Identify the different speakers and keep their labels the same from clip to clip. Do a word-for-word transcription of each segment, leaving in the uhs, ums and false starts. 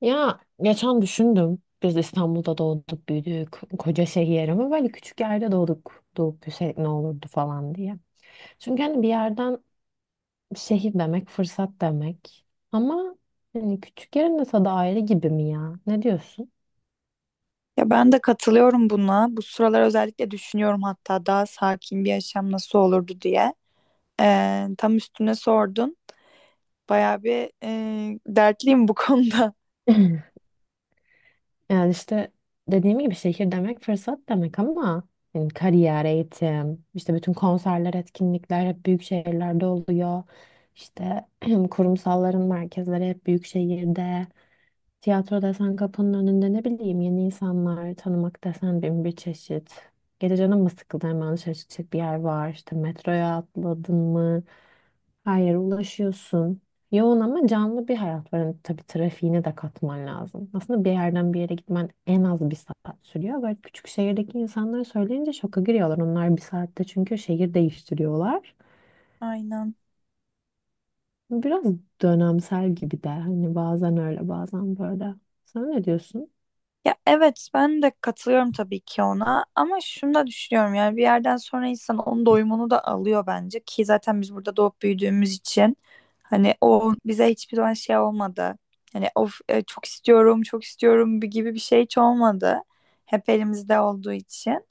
Speaker 1: Ya geçen düşündüm. Biz İstanbul'da doğduk, büyüdük. Koca şehir ama böyle küçük yerde doğduk. Doğup büyüsek ne olurdu falan diye. Çünkü hani bir yerden şehir demek, fırsat demek. Ama hani küçük yerin de tadı ayrı gibi mi ya? Ne diyorsun?
Speaker 2: Ya ben de katılıyorum buna. Bu sıralar özellikle düşünüyorum, hatta daha sakin bir yaşam nasıl olurdu diye. Ee, tam üstüne sordun. Bayağı bir e, dertliyim bu konuda.
Speaker 1: Yani işte dediğim gibi şehir demek fırsat demek ama yani kariyer, eğitim, işte bütün konserler, etkinlikler hep büyük şehirlerde oluyor. İşte kurumsalların merkezleri hep büyük şehirde. Tiyatro desen kapının önünde ne bileyim yeni insanlar tanımak desen bin bir çeşit. Gece canın mı sıkıldı hemen dışarı çıkacak bir yer var. İşte metroya atladın mı? Her yere ulaşıyorsun. Yoğun ama canlı bir hayat var. Yani tabii trafiğini de katman lazım. Aslında bir yerden bir yere gitmen en az bir saat sürüyor. Böyle küçük şehirdeki insanlar söyleyince şoka giriyorlar. Onlar bir saatte çünkü şehir değiştiriyorlar.
Speaker 2: Aynen.
Speaker 1: Biraz dönemsel gibi de. Hani bazen öyle bazen böyle. Sen ne diyorsun?
Speaker 2: Ya evet, ben de katılıyorum tabii ki ona, ama şunu da düşünüyorum. Yani bir yerden sonra insan onun doyumunu da alıyor bence, ki zaten biz burada doğup büyüdüğümüz için hani o bize hiçbir zaman şey olmadı. Hani of e, çok istiyorum çok istiyorum gibi bir şey hiç olmadı. Hep elimizde olduğu için.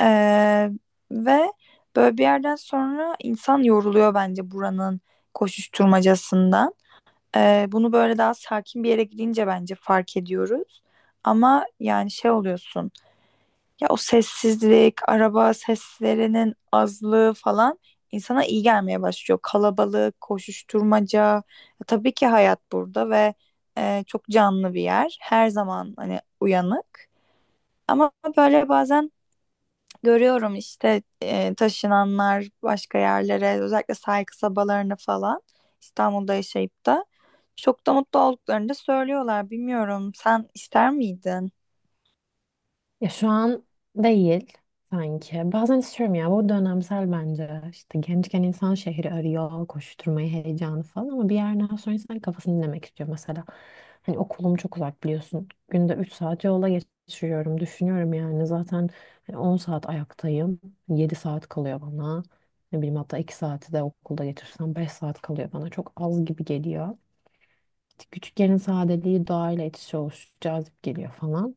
Speaker 2: Ee, Ve böyle bir yerden sonra insan yoruluyor bence buranın koşuşturmacasından. Ee, bunu böyle daha sakin bir yere gidince bence fark ediyoruz. Ama yani şey oluyorsun, ya o sessizlik, araba seslerinin azlığı falan insana iyi gelmeye başlıyor. Kalabalık, koşuşturmaca. Ya tabii ki hayat burada ve e, çok canlı bir yer. Her zaman hani uyanık. Ama böyle bazen görüyorum işte e, taşınanlar başka yerlere, özellikle sahil kasabalarını falan. İstanbul'da yaşayıp da çok da mutlu olduklarını da söylüyorlar. Bilmiyorum, sen ister miydin?
Speaker 1: Ya şu an değil sanki. Bazen istiyorum ya bu dönemsel bence. İşte gençken insan şehri arıyor, koşturmayı, heyecanı falan ama bir yerden sonra insan kafasını dinlemek istiyor mesela. Hani okulum çok uzak biliyorsun. Günde üç saat yola geçiriyorum. Düşünüyorum yani zaten hani on saat ayaktayım. Yedi saat kalıyor bana. Ne bileyim hatta iki saati de okulda geçirsem beş saat kalıyor bana. Çok az gibi geliyor. Küçük sadeliği doğayla iç içe oluşu cazip geliyor falan.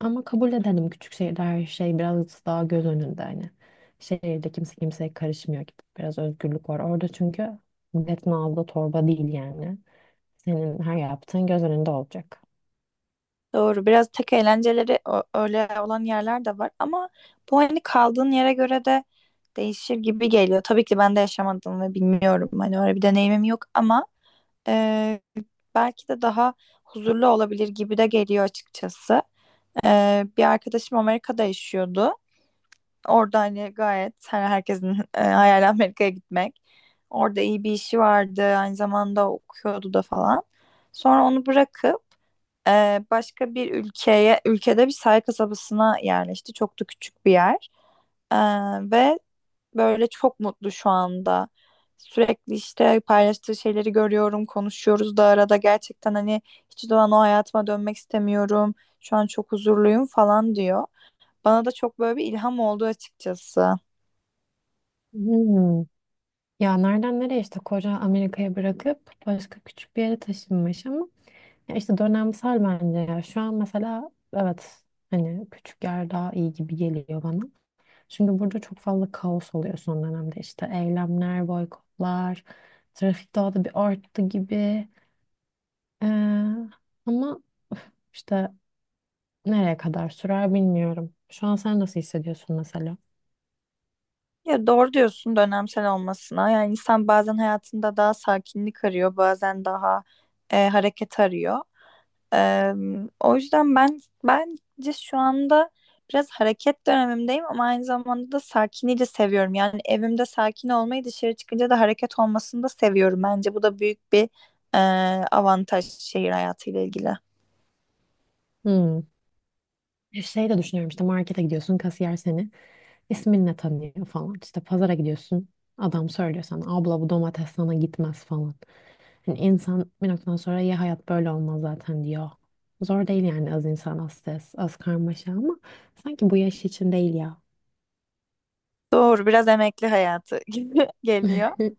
Speaker 1: Ama kabul edelim küçük şehirde her şey biraz daha göz önünde hani. Şehirde kimse kimseye karışmıyor gibi. Biraz özgürlük var. Orada çünkü milletin aldığı torba değil yani. Senin her yaptığın göz önünde olacak.
Speaker 2: Doğru, biraz tek eğlenceleri ö- öyle olan yerler de var, ama bu hani kaldığın yere göre de değişir gibi geliyor. Tabii ki ben de yaşamadım ve bilmiyorum, hani öyle bir deneyimim yok, ama e, belki de daha huzurlu olabilir gibi de geliyor açıkçası. Ee, bir arkadaşım Amerika'da yaşıyordu. Orada hani gayet, hani herkesin e, hayali Amerika'ya gitmek. Orada iyi bir işi vardı. Aynı zamanda okuyordu da falan. Sonra onu bırakıp e, başka bir ülkeye, ülkede bir sahil kasabasına yerleşti. Çok da küçük bir yer. Ee, Ve böyle çok mutlu şu anda. Sürekli işte paylaştığı şeyleri görüyorum, konuşuyoruz da arada. Gerçekten hani hiç zaman o hayatıma dönmek istemiyorum, şu an çok huzurluyum falan diyor. Bana da çok böyle bir ilham oldu açıkçası.
Speaker 1: Hmm. Ya nereden nereye işte koca Amerika'ya bırakıp başka küçük bir yere taşınmış ama ya işte dönemsel bence ya. Şu an mesela evet hani küçük yer daha iyi gibi geliyor bana. Şimdi burada çok fazla kaos oluyor son dönemde. İşte eylemler, boykotlar, trafik daha da bir arttı gibi. Ee, ama üf, işte nereye kadar sürer bilmiyorum. Şu an sen nasıl hissediyorsun mesela?
Speaker 2: Ya doğru diyorsun dönemsel olmasına. Yani insan bazen hayatında daha sakinlik arıyor, bazen daha e, hareket arıyor. E, O yüzden ben bence şu anda biraz hareket dönemimdeyim, ama aynı zamanda da sakinliği de seviyorum. Yani evimde sakin olmayı, dışarı çıkınca da hareket olmasını da seviyorum. Bence bu da büyük bir e, avantaj şehir hayatıyla ilgili.
Speaker 1: Hmm. Bir şey de düşünüyorum işte markete gidiyorsun kasiyer seni isminle tanıyor falan. İşte pazara gidiyorsun adam söylüyor sana abla bu domates sana gitmez falan. Hani insan bir noktadan sonra ya hayat böyle olmaz zaten diyor. Zor değil yani az insan az stres az karmaşa ama sanki bu yaş için değil ya.
Speaker 2: Doğru, biraz emekli hayatı gibi geliyor.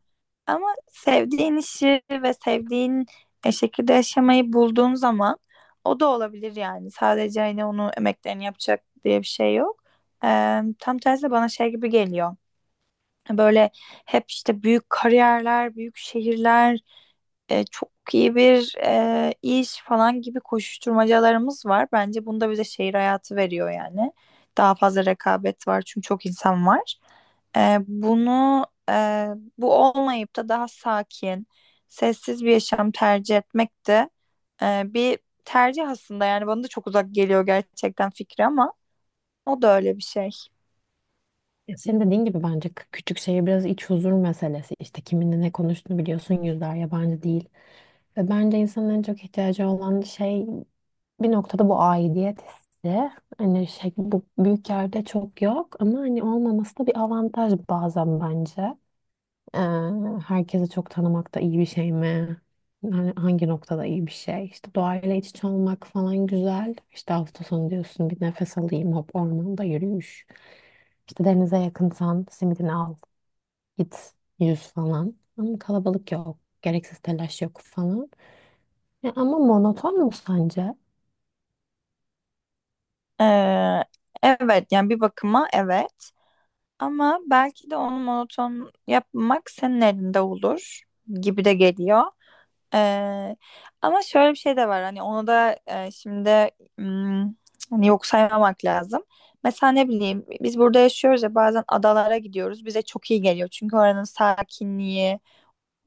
Speaker 2: Ama sevdiğin işi ve sevdiğin e, şekilde yaşamayı bulduğun zaman o da olabilir yani. Sadece hani onu emeklerini yapacak diye bir şey yok. Eee, tam tersi bana şey gibi geliyor. Böyle hep işte büyük kariyerler, büyük şehirler, e, çok iyi bir e, iş falan gibi koşuşturmacalarımız var. Bence bunda bize şehir hayatı veriyor yani. Daha fazla rekabet var çünkü çok insan var. E, bunu e, bu olmayıp da daha sakin, sessiz bir yaşam tercih etmek de e, bir tercih aslında. Yani bana da çok uzak geliyor gerçekten fikri, ama o da öyle bir şey.
Speaker 1: Senin dediğin gibi bence kü- küçük şehir biraz iç huzur meselesi. İşte kiminle ne konuştuğunu biliyorsun yüzler yabancı değil. Ve bence insanın en çok ihtiyacı olan şey bir noktada bu aidiyet hissi. Hani şey bu büyük yerde çok yok ama hani olmaması da bir avantaj bazen bence. Ee, Herkesi çok tanımak da iyi bir şey mi? Yani hangi noktada iyi bir şey? İşte doğayla iç içe olmak falan güzel. İşte hafta sonu diyorsun bir nefes alayım hop ormanda yürüyüş. İşte denize yakınsan simidini al git yüz falan. Ama kalabalık yok. Gereksiz telaş yok falan. Ya ama monoton mu sence?
Speaker 2: E, evet yani bir bakıma evet. Ama belki de onu monoton yapmak senin elinde olur gibi de geliyor. Ee, Ama şöyle bir şey de var, hani onu da e, şimdi hmm, hani yok saymamak lazım. Mesela ne bileyim, biz burada yaşıyoruz ya, bazen adalara gidiyoruz, bize çok iyi geliyor. Çünkü oranın sakinliği,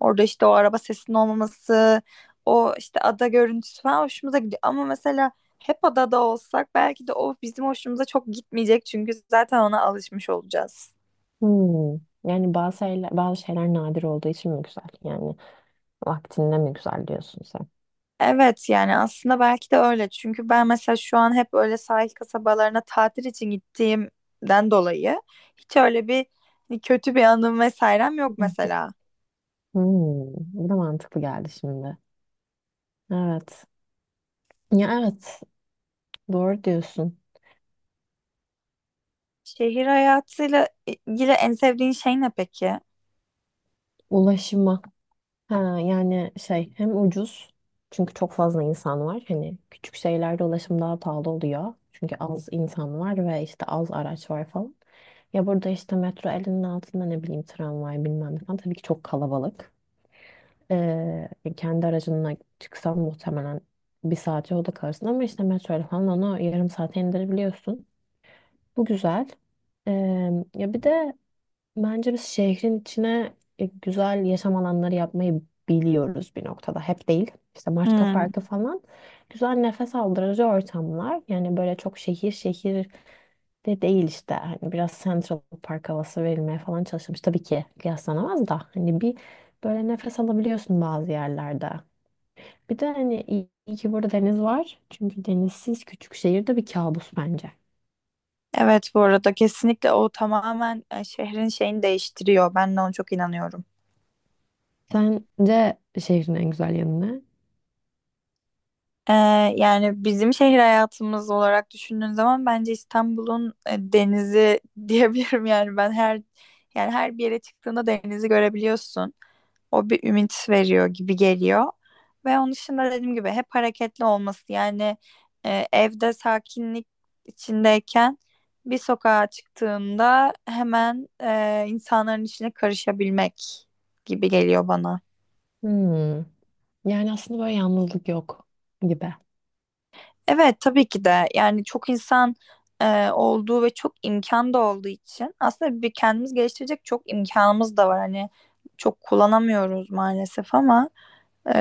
Speaker 2: orada işte o araba sesinin olmaması, o işte ada görüntüsü falan hoşumuza gidiyor. Ama mesela hep adada olsak belki de o bizim hoşumuza çok gitmeyecek, çünkü zaten ona alışmış olacağız.
Speaker 1: Hmm. Yani bazı şeyler, bazı şeyler nadir olduğu için mi güzel? Yani vaktinde mi güzel diyorsun sen?
Speaker 2: Evet yani aslında belki de öyle. Çünkü ben mesela şu an hep öyle sahil kasabalarına tatil için gittiğimden dolayı hiç öyle bir hani, kötü bir anım vesairem yok
Speaker 1: Hı.
Speaker 2: mesela.
Speaker 1: Hmm. Bu da mantıklı geldi şimdi. Evet. Ya evet. Doğru diyorsun.
Speaker 2: Şehir hayatıyla ilgili en sevdiğin şey ne peki?
Speaker 1: Ulaşıma. Ha, yani şey hem ucuz çünkü çok fazla insan var. Hani küçük şeylerde ulaşım daha pahalı oluyor. Çünkü az insan var ve işte az araç var falan. Ya burada işte metro elinin altında ne bileyim tramvay bilmem ne falan tabii ki çok kalabalık. Ee, Kendi aracınla çıksan muhtemelen bir saat yolda kalırsın ama işte metroyla falan onu yarım saate indirebiliyorsun. Bu güzel. Ee, Ya bir de bence biz şehrin içine e, güzel yaşam alanları yapmayı biliyoruz bir noktada. Hep değil. İşte Maçka
Speaker 2: Hmm.
Speaker 1: Parkı falan. Güzel nefes aldırıcı ortamlar. Yani böyle çok şehir şehir de değil işte. Hani biraz Central Park havası verilmeye falan çalışılmış. Tabii ki kıyaslanamaz da. Hani bir böyle nefes alabiliyorsun bazı yerlerde. Bir de hani iyi, iyi ki burada deniz var. Çünkü denizsiz küçük şehirde bir kabus bence.
Speaker 2: Evet, bu arada kesinlikle o tamamen e, şehrin şeyini değiştiriyor. Ben de ona çok inanıyorum.
Speaker 1: Sence şehrin en güzel yanı ne?
Speaker 2: Ee, Yani bizim şehir hayatımız olarak düşündüğün zaman bence İstanbul'un e, denizi diyebilirim. Yani ben her yani her bir yere çıktığında denizi görebiliyorsun. O bir ümit veriyor gibi geliyor. Ve onun dışında dediğim gibi hep hareketli olması. Yani e, evde sakinlik içindeyken bir sokağa çıktığında hemen e, insanların içine karışabilmek gibi geliyor bana.
Speaker 1: Hmm. Yani aslında böyle yalnızlık yok gibi.
Speaker 2: Evet tabii ki de. Yani çok insan e, olduğu ve çok imkan da olduğu için aslında bir kendimiz geliştirecek çok imkanımız da var. Hani çok kullanamıyoruz maalesef, ama e,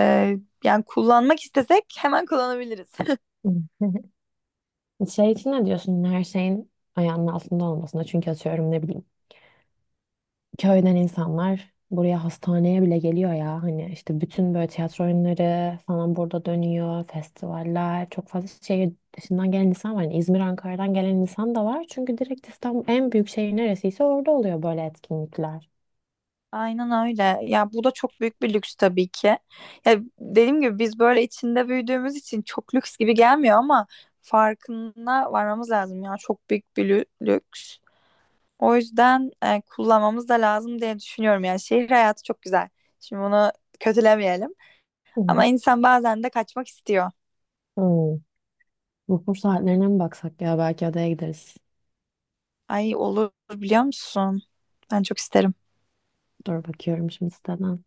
Speaker 2: yani kullanmak istesek hemen kullanabiliriz.
Speaker 1: Şey için ne diyorsun? Her şeyin ayağının altında olmasına. Çünkü atıyorum ne bileyim köyden insanlar buraya hastaneye bile geliyor ya. Hani işte bütün böyle tiyatro oyunları falan burada dönüyor. Festivaller. Çok fazla şehir dışından gelen insan var. Yani İzmir, Ankara'dan gelen insan da var. Çünkü direkt İstanbul en büyük şehir neresiyse orada oluyor böyle etkinlikler.
Speaker 2: Aynen öyle. Ya bu da çok büyük bir lüks tabii ki. Ya dediğim gibi biz böyle içinde büyüdüğümüz için çok lüks gibi gelmiyor, ama farkına varmamız lazım ya. Çok büyük bir lü- lüks. O yüzden e, kullanmamız da lazım diye düşünüyorum. Yani şehir hayatı çok güzel. Şimdi bunu kötülemeyelim.
Speaker 1: Hı
Speaker 2: Ama
Speaker 1: hı.
Speaker 2: insan bazen de kaçmak istiyor.
Speaker 1: Hmm. Vapur saatlerine mi baksak ya? Belki adaya gideriz.
Speaker 2: Ay olur, biliyor musun? Ben çok isterim.
Speaker 1: Dur bakıyorum şimdi siteden.